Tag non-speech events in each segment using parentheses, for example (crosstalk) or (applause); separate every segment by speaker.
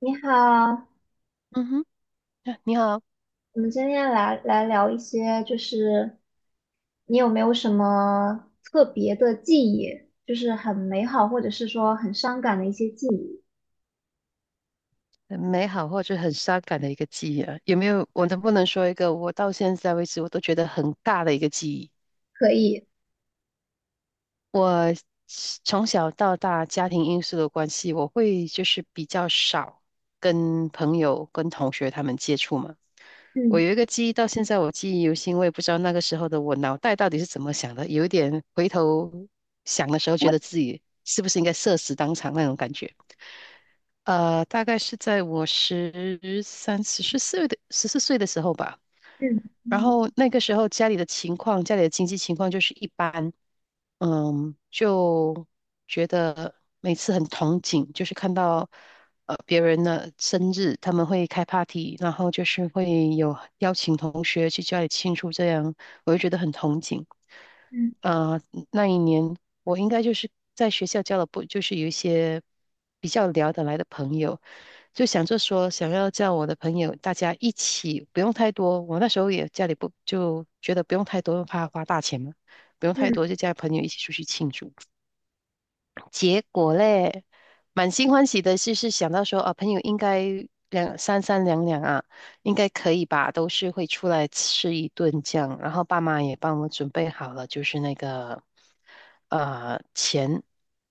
Speaker 1: 你好，
Speaker 2: 嗯哼，啊你好。
Speaker 1: 我们今天来聊一些，就是你有没有什么特别的记忆，就是很美好或者是说很伤感的一些记忆？
Speaker 2: 很美好或者很伤感的一个记忆啊，有没有？我能不能说一个我到现在为止我都觉得很大的一个记忆？
Speaker 1: 可以。
Speaker 2: 我从小到大家庭因素的关系，我会就是比较少跟朋友、跟同学他们接触嘛。我
Speaker 1: 嗯
Speaker 2: 有一个记忆，到现在我记忆犹新，我也不知道那个时候的我脑袋到底是怎么想的，有一点回头想的时候，觉得自己是不是应该社死当场那种感觉。大概是在我十四岁的时候吧。
Speaker 1: 嗯
Speaker 2: 然
Speaker 1: 嗯
Speaker 2: 后那个时候家里的经济情况就是一般。就觉得每次很憧憬，就是看到别人的生日，他们会开 party，然后就是会有邀请同学去家里庆祝，这样我就觉得很憧憬。
Speaker 1: 嗯
Speaker 2: 呃，那一年我应该就是在学校交了不，就是有一些比较聊得来的朋友，就想着说想要叫我的朋友大家一起，不用太多。我那时候也家里不就觉得不用太多，怕花大钱嘛，不用太
Speaker 1: 嗯，
Speaker 2: 多，就叫朋友一起出去庆祝。结果嘞，满心欢喜的是想到说啊，朋友应该三两两啊，应该可以吧，都是会出来吃一顿这样。然后爸妈也帮我准备好了，就是那个钱。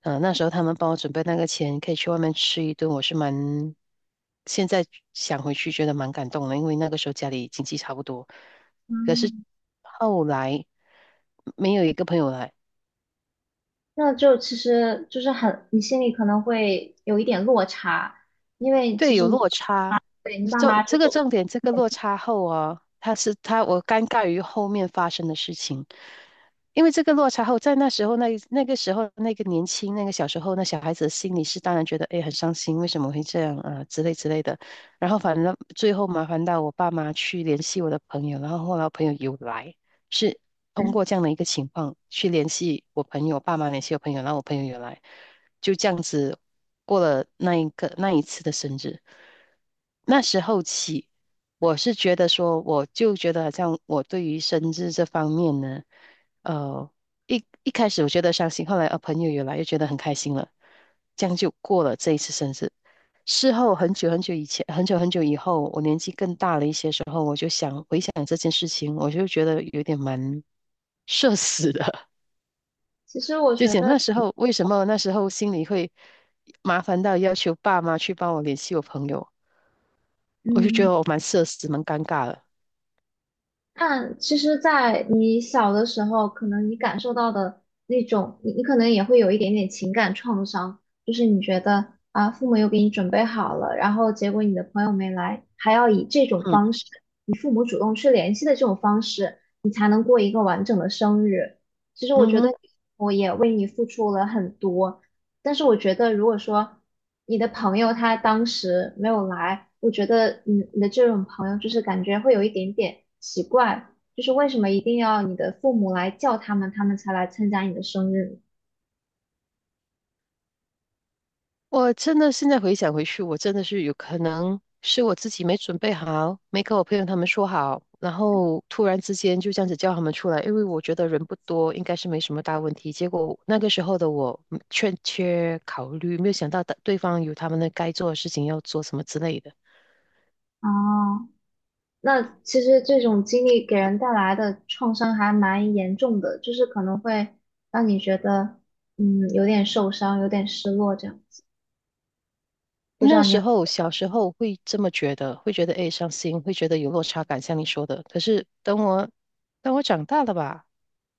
Speaker 2: 那时候他们帮我准备那个钱，可以去外面吃一顿，我是蛮现在想回去觉得蛮感动的，因为那个时候家里经济差不多，可是
Speaker 1: 嗯
Speaker 2: 后来没有一个朋友来。
Speaker 1: 那就其实就是很，你心里可能会有一点落差，因为其
Speaker 2: 对，
Speaker 1: 实
Speaker 2: 有
Speaker 1: 你
Speaker 2: 落差。
Speaker 1: 对你爸妈这
Speaker 2: 这个
Speaker 1: 种，
Speaker 2: 重点，这个落差后啊，他是他，我尴尬于后面发生的事情。因为这个落差后，在那时候那个时候那个年轻那个小时候那小孩子的心里是当然觉得哎很伤心，为什么会这样啊之类的。然后反正最后麻烦到我爸妈去联系我的朋友，然后后来我朋友有来，是通
Speaker 1: 嗯，
Speaker 2: 过这样的一个情况去联系我朋友，爸妈联系我朋友，然后我朋友有来。就这样子过了那一次的生日。那时候起，我是觉得说，我就觉得好像我对于生日这方面呢，呃，一开始我觉得伤心，后来朋友有来又觉得很开心了，这样就过了这一次生日。事后很久很久以后，我年纪更大了一些时候，我就想回想这件事情，我就觉得有点蛮 (laughs) 社死的。
Speaker 1: 其实我
Speaker 2: 就
Speaker 1: 觉
Speaker 2: 讲
Speaker 1: 得。
Speaker 2: 那时候为什么那时候心里会麻烦到要求爸妈去帮我联系我朋友，我就觉
Speaker 1: 嗯。
Speaker 2: 得我蛮社死，蛮尴尬的。
Speaker 1: 但其实，在你小的时候，可能你感受到的那种，你可能也会有一点点情感创伤，就是你觉得啊，父母又给你准备好了，然后结果你的朋友没来，还要以这种方
Speaker 2: 嗯，
Speaker 1: 式，你父母主动去联系的这种方式，你才能过一个完整的生日。其实我
Speaker 2: 嗯
Speaker 1: 觉得
Speaker 2: 哼。
Speaker 1: 我也为你付出了很多，但是我觉得，如果说你的朋友他当时没有来，我觉得你的这种朋友就是感觉会有一点点奇怪，就是为什么一定要你的父母来叫他们，他们才来参加你的生日？
Speaker 2: 我真的现在回想回去，我真的是有可能是我自己没准备好，没跟我朋友他们说好，然后突然之间就这样子叫他们出来，因为我觉得人不多，应该是没什么大问题。结果那个时候的我欠缺考虑，没有想到的对方有他们的该做的事情要做什么之类的。
Speaker 1: 哦，那其实这种经历给人带来的创伤还蛮严重的，就是可能会让你觉得，有点受伤，有点失落这样子。不知
Speaker 2: 那
Speaker 1: 道你？
Speaker 2: 时候小时候会这么觉得，会觉得诶伤心，会觉得有落差感，像你说的。可是等我长大了吧，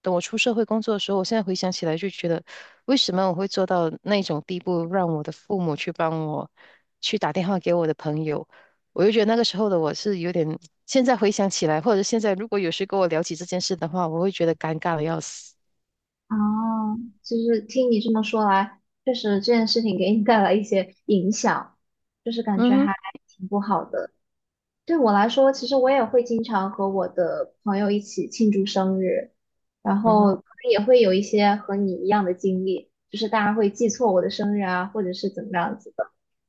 Speaker 2: 等我出社会工作的时候，我现在回想起来就觉得，为什么我会做到那种地步，让我的父母去帮我去打电话给我的朋友？我就觉得那个时候的我是有点，现在回想起来，或者现在如果有谁跟我聊起这件事的话，我会觉得尴尬的要死。
Speaker 1: 哦，就是听你这么说来，确实这件事情给你带来一些影响，就是感觉
Speaker 2: 嗯哼。
Speaker 1: 还挺不好的。对我来说，其实我也会经常和我的朋友一起庆祝生日，然
Speaker 2: 嗯哼。
Speaker 1: 后可能也会有一些和你一样的经历，就是大家会记错我的生日啊，或者是怎么样子。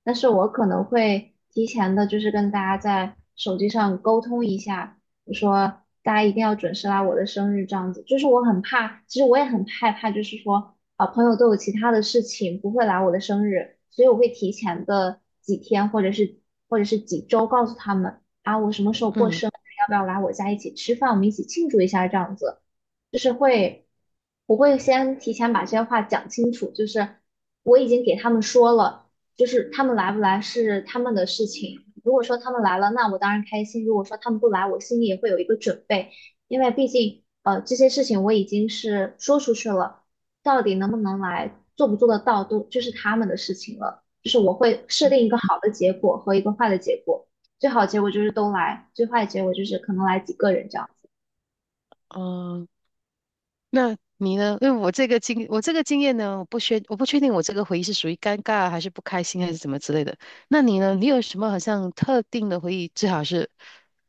Speaker 1: 但是我可能会提前的，就是跟大家在手机上沟通一下，我说大家一定要准时来我的生日，这样子。就是我很怕，其实我也很害怕，就是说啊，朋友都有其他的事情不会来我的生日，所以我会提前的几天或者是几周告诉他们啊，我什么时候过
Speaker 2: 嗯。
Speaker 1: 生日，要不要来我家一起吃饭，我们一起庆祝一下这样子。就是会，我会先提前把这些话讲清楚，就是我已经给他们说了。就是他们来不来是他们的事情。如果说他们来了，那我当然开心；如果说他们不来，我心里也会有一个准备，因为毕竟这些事情我已经是说出去了，到底能不能来，做不做得到，都就是他们的事情了。就是我会设定一个好的结果和一个坏的结果，最好的结果就是都来，最坏的结果就是可能来几个人这样子。
Speaker 2: 哦。那你呢？因为我这个经验呢，我不确定我这个回忆是属于尴尬还是不开心还是怎么之类的。那你呢？你有什么好像特定的回忆？最好是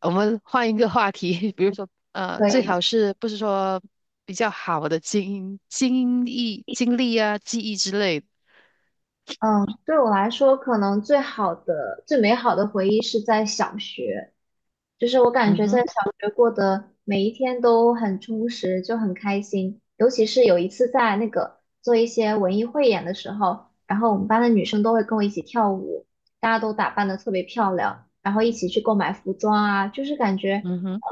Speaker 2: 我们换一个话题，(laughs) 比如说
Speaker 1: 可
Speaker 2: 最
Speaker 1: 以。
Speaker 2: 好是不是说比较好的经历啊、记忆之类的？
Speaker 1: 嗯，对我来说，可能最好的、最美好的回忆是在小学，就是我感
Speaker 2: 嗯
Speaker 1: 觉在
Speaker 2: 哼。
Speaker 1: 小学过的每一天都很充实，就很开心。尤其是有一次在那个做一些文艺汇演的时候，然后我们班的女生都会跟我一起跳舞，大家都打扮得特别漂亮，然后一起去购买服装啊，就是感觉
Speaker 2: 嗯哼。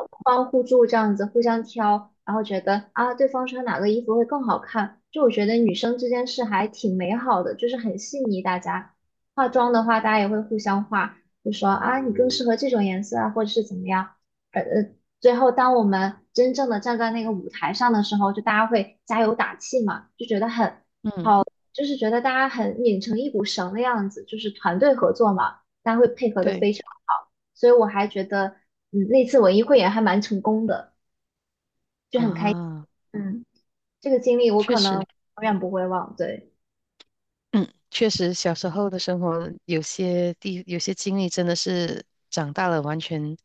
Speaker 1: 这样子互相挑，然后觉得啊，对方穿哪个衣服会更好看。就我觉得女生之间是还挺美好的，就是很细腻。大家化妆的话，大家也会互相化，就说啊，你更适合这种颜色啊，或者是怎么样。呃呃，最后当我们真正的站在那个舞台上的时候，就大家会加油打气嘛，就觉得很，
Speaker 2: 嗯，
Speaker 1: 就是觉得大家很拧成一股绳的样子，就是团队合作嘛，大家会配合的
Speaker 2: 对
Speaker 1: 非常好。所以我还觉得，嗯，那次文艺汇演还蛮成功的。就很开心。
Speaker 2: 啊，
Speaker 1: 嗯，这个经历我
Speaker 2: 确
Speaker 1: 可能
Speaker 2: 实。
Speaker 1: 永远不会忘。对。
Speaker 2: 嗯，确实，小时候的生活有些经历真的是长大了完全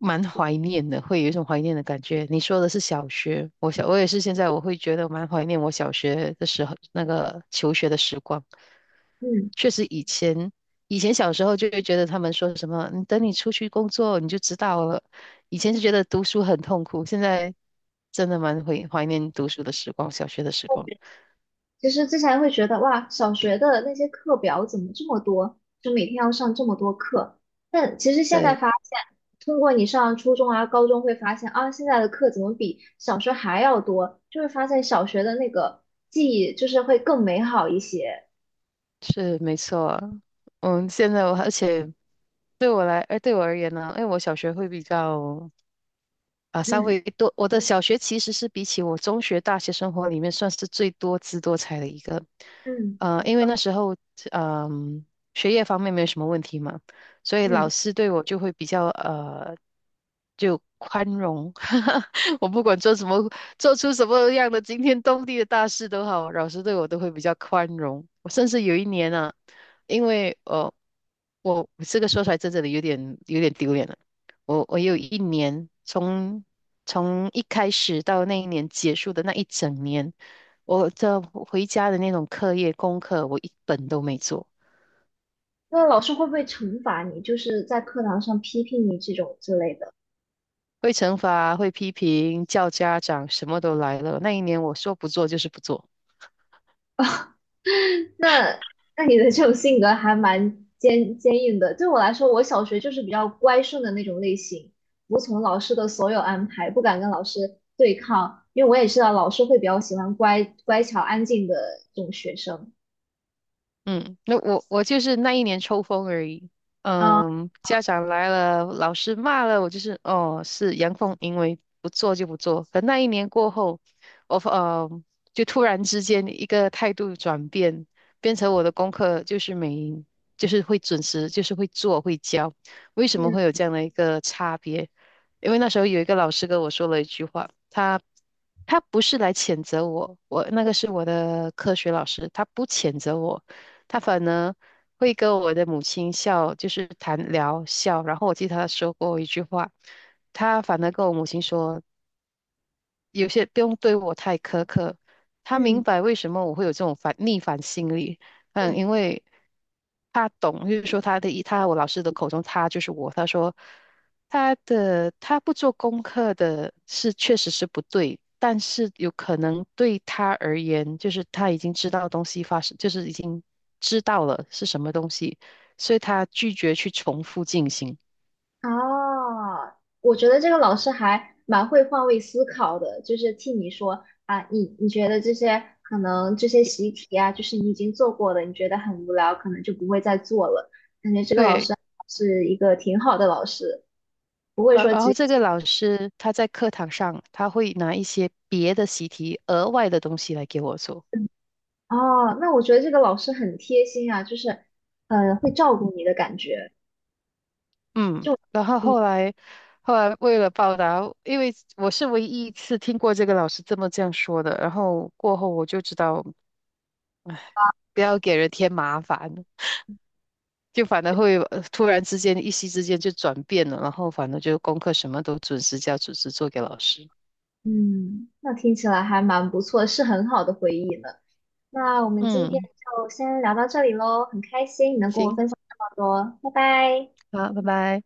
Speaker 2: 蛮怀念的，会有一种怀念的感觉。你说的是小学，我也是现在我会觉得蛮怀念我小学的时候，那个求学的时光。
Speaker 1: 嗯，
Speaker 2: 确实，以前小时候就会觉得他们说什么，你等你出去工作你就知道了。以前是觉得读书很痛苦，现在真的蛮怀念读书的时光，小学的时光。
Speaker 1: 其实之前会觉得哇，小学的那些课表怎么这么多，就每天要上这么多课。但其实现在
Speaker 2: 对。
Speaker 1: 发现，通过你上初中啊、高中会发现啊，现在的课怎么比小学还要多？就会发现小学的那个记忆就是会更美好一些。
Speaker 2: 是没错啊。现在我而且对我来，哎，对我而言呢，因为我小学会比较啊，稍
Speaker 1: 嗯
Speaker 2: 微多。我的小学其实是比起我中学、大学生活里面算是最多姿多彩的一个。
Speaker 1: 嗯
Speaker 2: 因为那时候，嗯、学业方面没有什么问题嘛，所以
Speaker 1: 嗯，
Speaker 2: 老师对我就会比较就宽容。(laughs) 我不管做什么，做出什么样的惊天动地的大事都好，老师对我都会比较宽容。我甚至有一年啊，因为我这个说出来真的有点丢脸了。我有一年，从一开始到那一年结束的那一整年，我这回家的那种课业功课，我一本都没做。
Speaker 1: 那老师会不会惩罚你，就是在课堂上批评你这种之类的？
Speaker 2: 会惩罚，会批评，叫家长，什么都来了。那一年我说不做就是不做。
Speaker 1: (laughs) 那那你的这种性格还蛮坚硬的。对我来说，我小学就是比较乖顺的那种类型，服从老师的所有安排，不敢跟老师对抗，因为我也知道老师会比较喜欢乖乖巧安静的这种学生。
Speaker 2: 嗯，那我就是那一年抽风而已。
Speaker 1: 啊，
Speaker 2: 嗯，家长来了，老师骂了，我就是哦，是阳奉阴违，不做就不做。可那一年过后，我就突然之间一个态度转变，变成我的功课就是就是会准时，就是会做会教。为什么会
Speaker 1: 嗯
Speaker 2: 有这样的一个差别？因为那时候有一个老师跟我说了一句话，他不是来谴责我。我那个是我的科学老师，他不谴责我。他反而会跟我的母亲笑，就是谈聊笑。然后我记得他说过一句话，他反而跟我母亲说：有些不用对我太苛刻，他明
Speaker 1: 嗯
Speaker 2: 白为什么我会有这种逆反心理。
Speaker 1: 嗯。
Speaker 2: 因为他懂，就是说我老师的口中他就是我。他说他不做功课的确实是不对，但是有可能对他而言，就是他已经知道东西发生，就是已经知道了是什么东西，所以他拒绝去重复进行。
Speaker 1: 哦，我觉得这个老师还蛮会换位思考的，就是替你说啊，你觉得这些可能这些习题啊，就是你已经做过的，你觉得很无聊，可能就不会再做了。感觉这个老
Speaker 2: 对，
Speaker 1: 师是一个挺好的老师，不会说
Speaker 2: 然
Speaker 1: 直
Speaker 2: 后
Speaker 1: 接
Speaker 2: 这个老师他在课堂上他会拿一些别的习题、额外的东西来给我做。
Speaker 1: 哦，那我觉得这个老师很贴心啊，就是会照顾你的感觉，
Speaker 2: 嗯，
Speaker 1: 就
Speaker 2: 然后
Speaker 1: 嗯
Speaker 2: 后来为了报答，因为我是唯一一次听过这个老师这样说的，然后过后我就知道不要给人添麻烦，就反而会突然之间一夕之间就转变了，然后反正就功课什么都准时交、准时做给老师。
Speaker 1: 嗯，那听起来还蛮不错，是很好的回忆呢。那我们今天
Speaker 2: 嗯，
Speaker 1: 就先聊到这里喽，很开心你能跟我
Speaker 2: 行，
Speaker 1: 分享这么多，拜拜。
Speaker 2: 好，拜拜。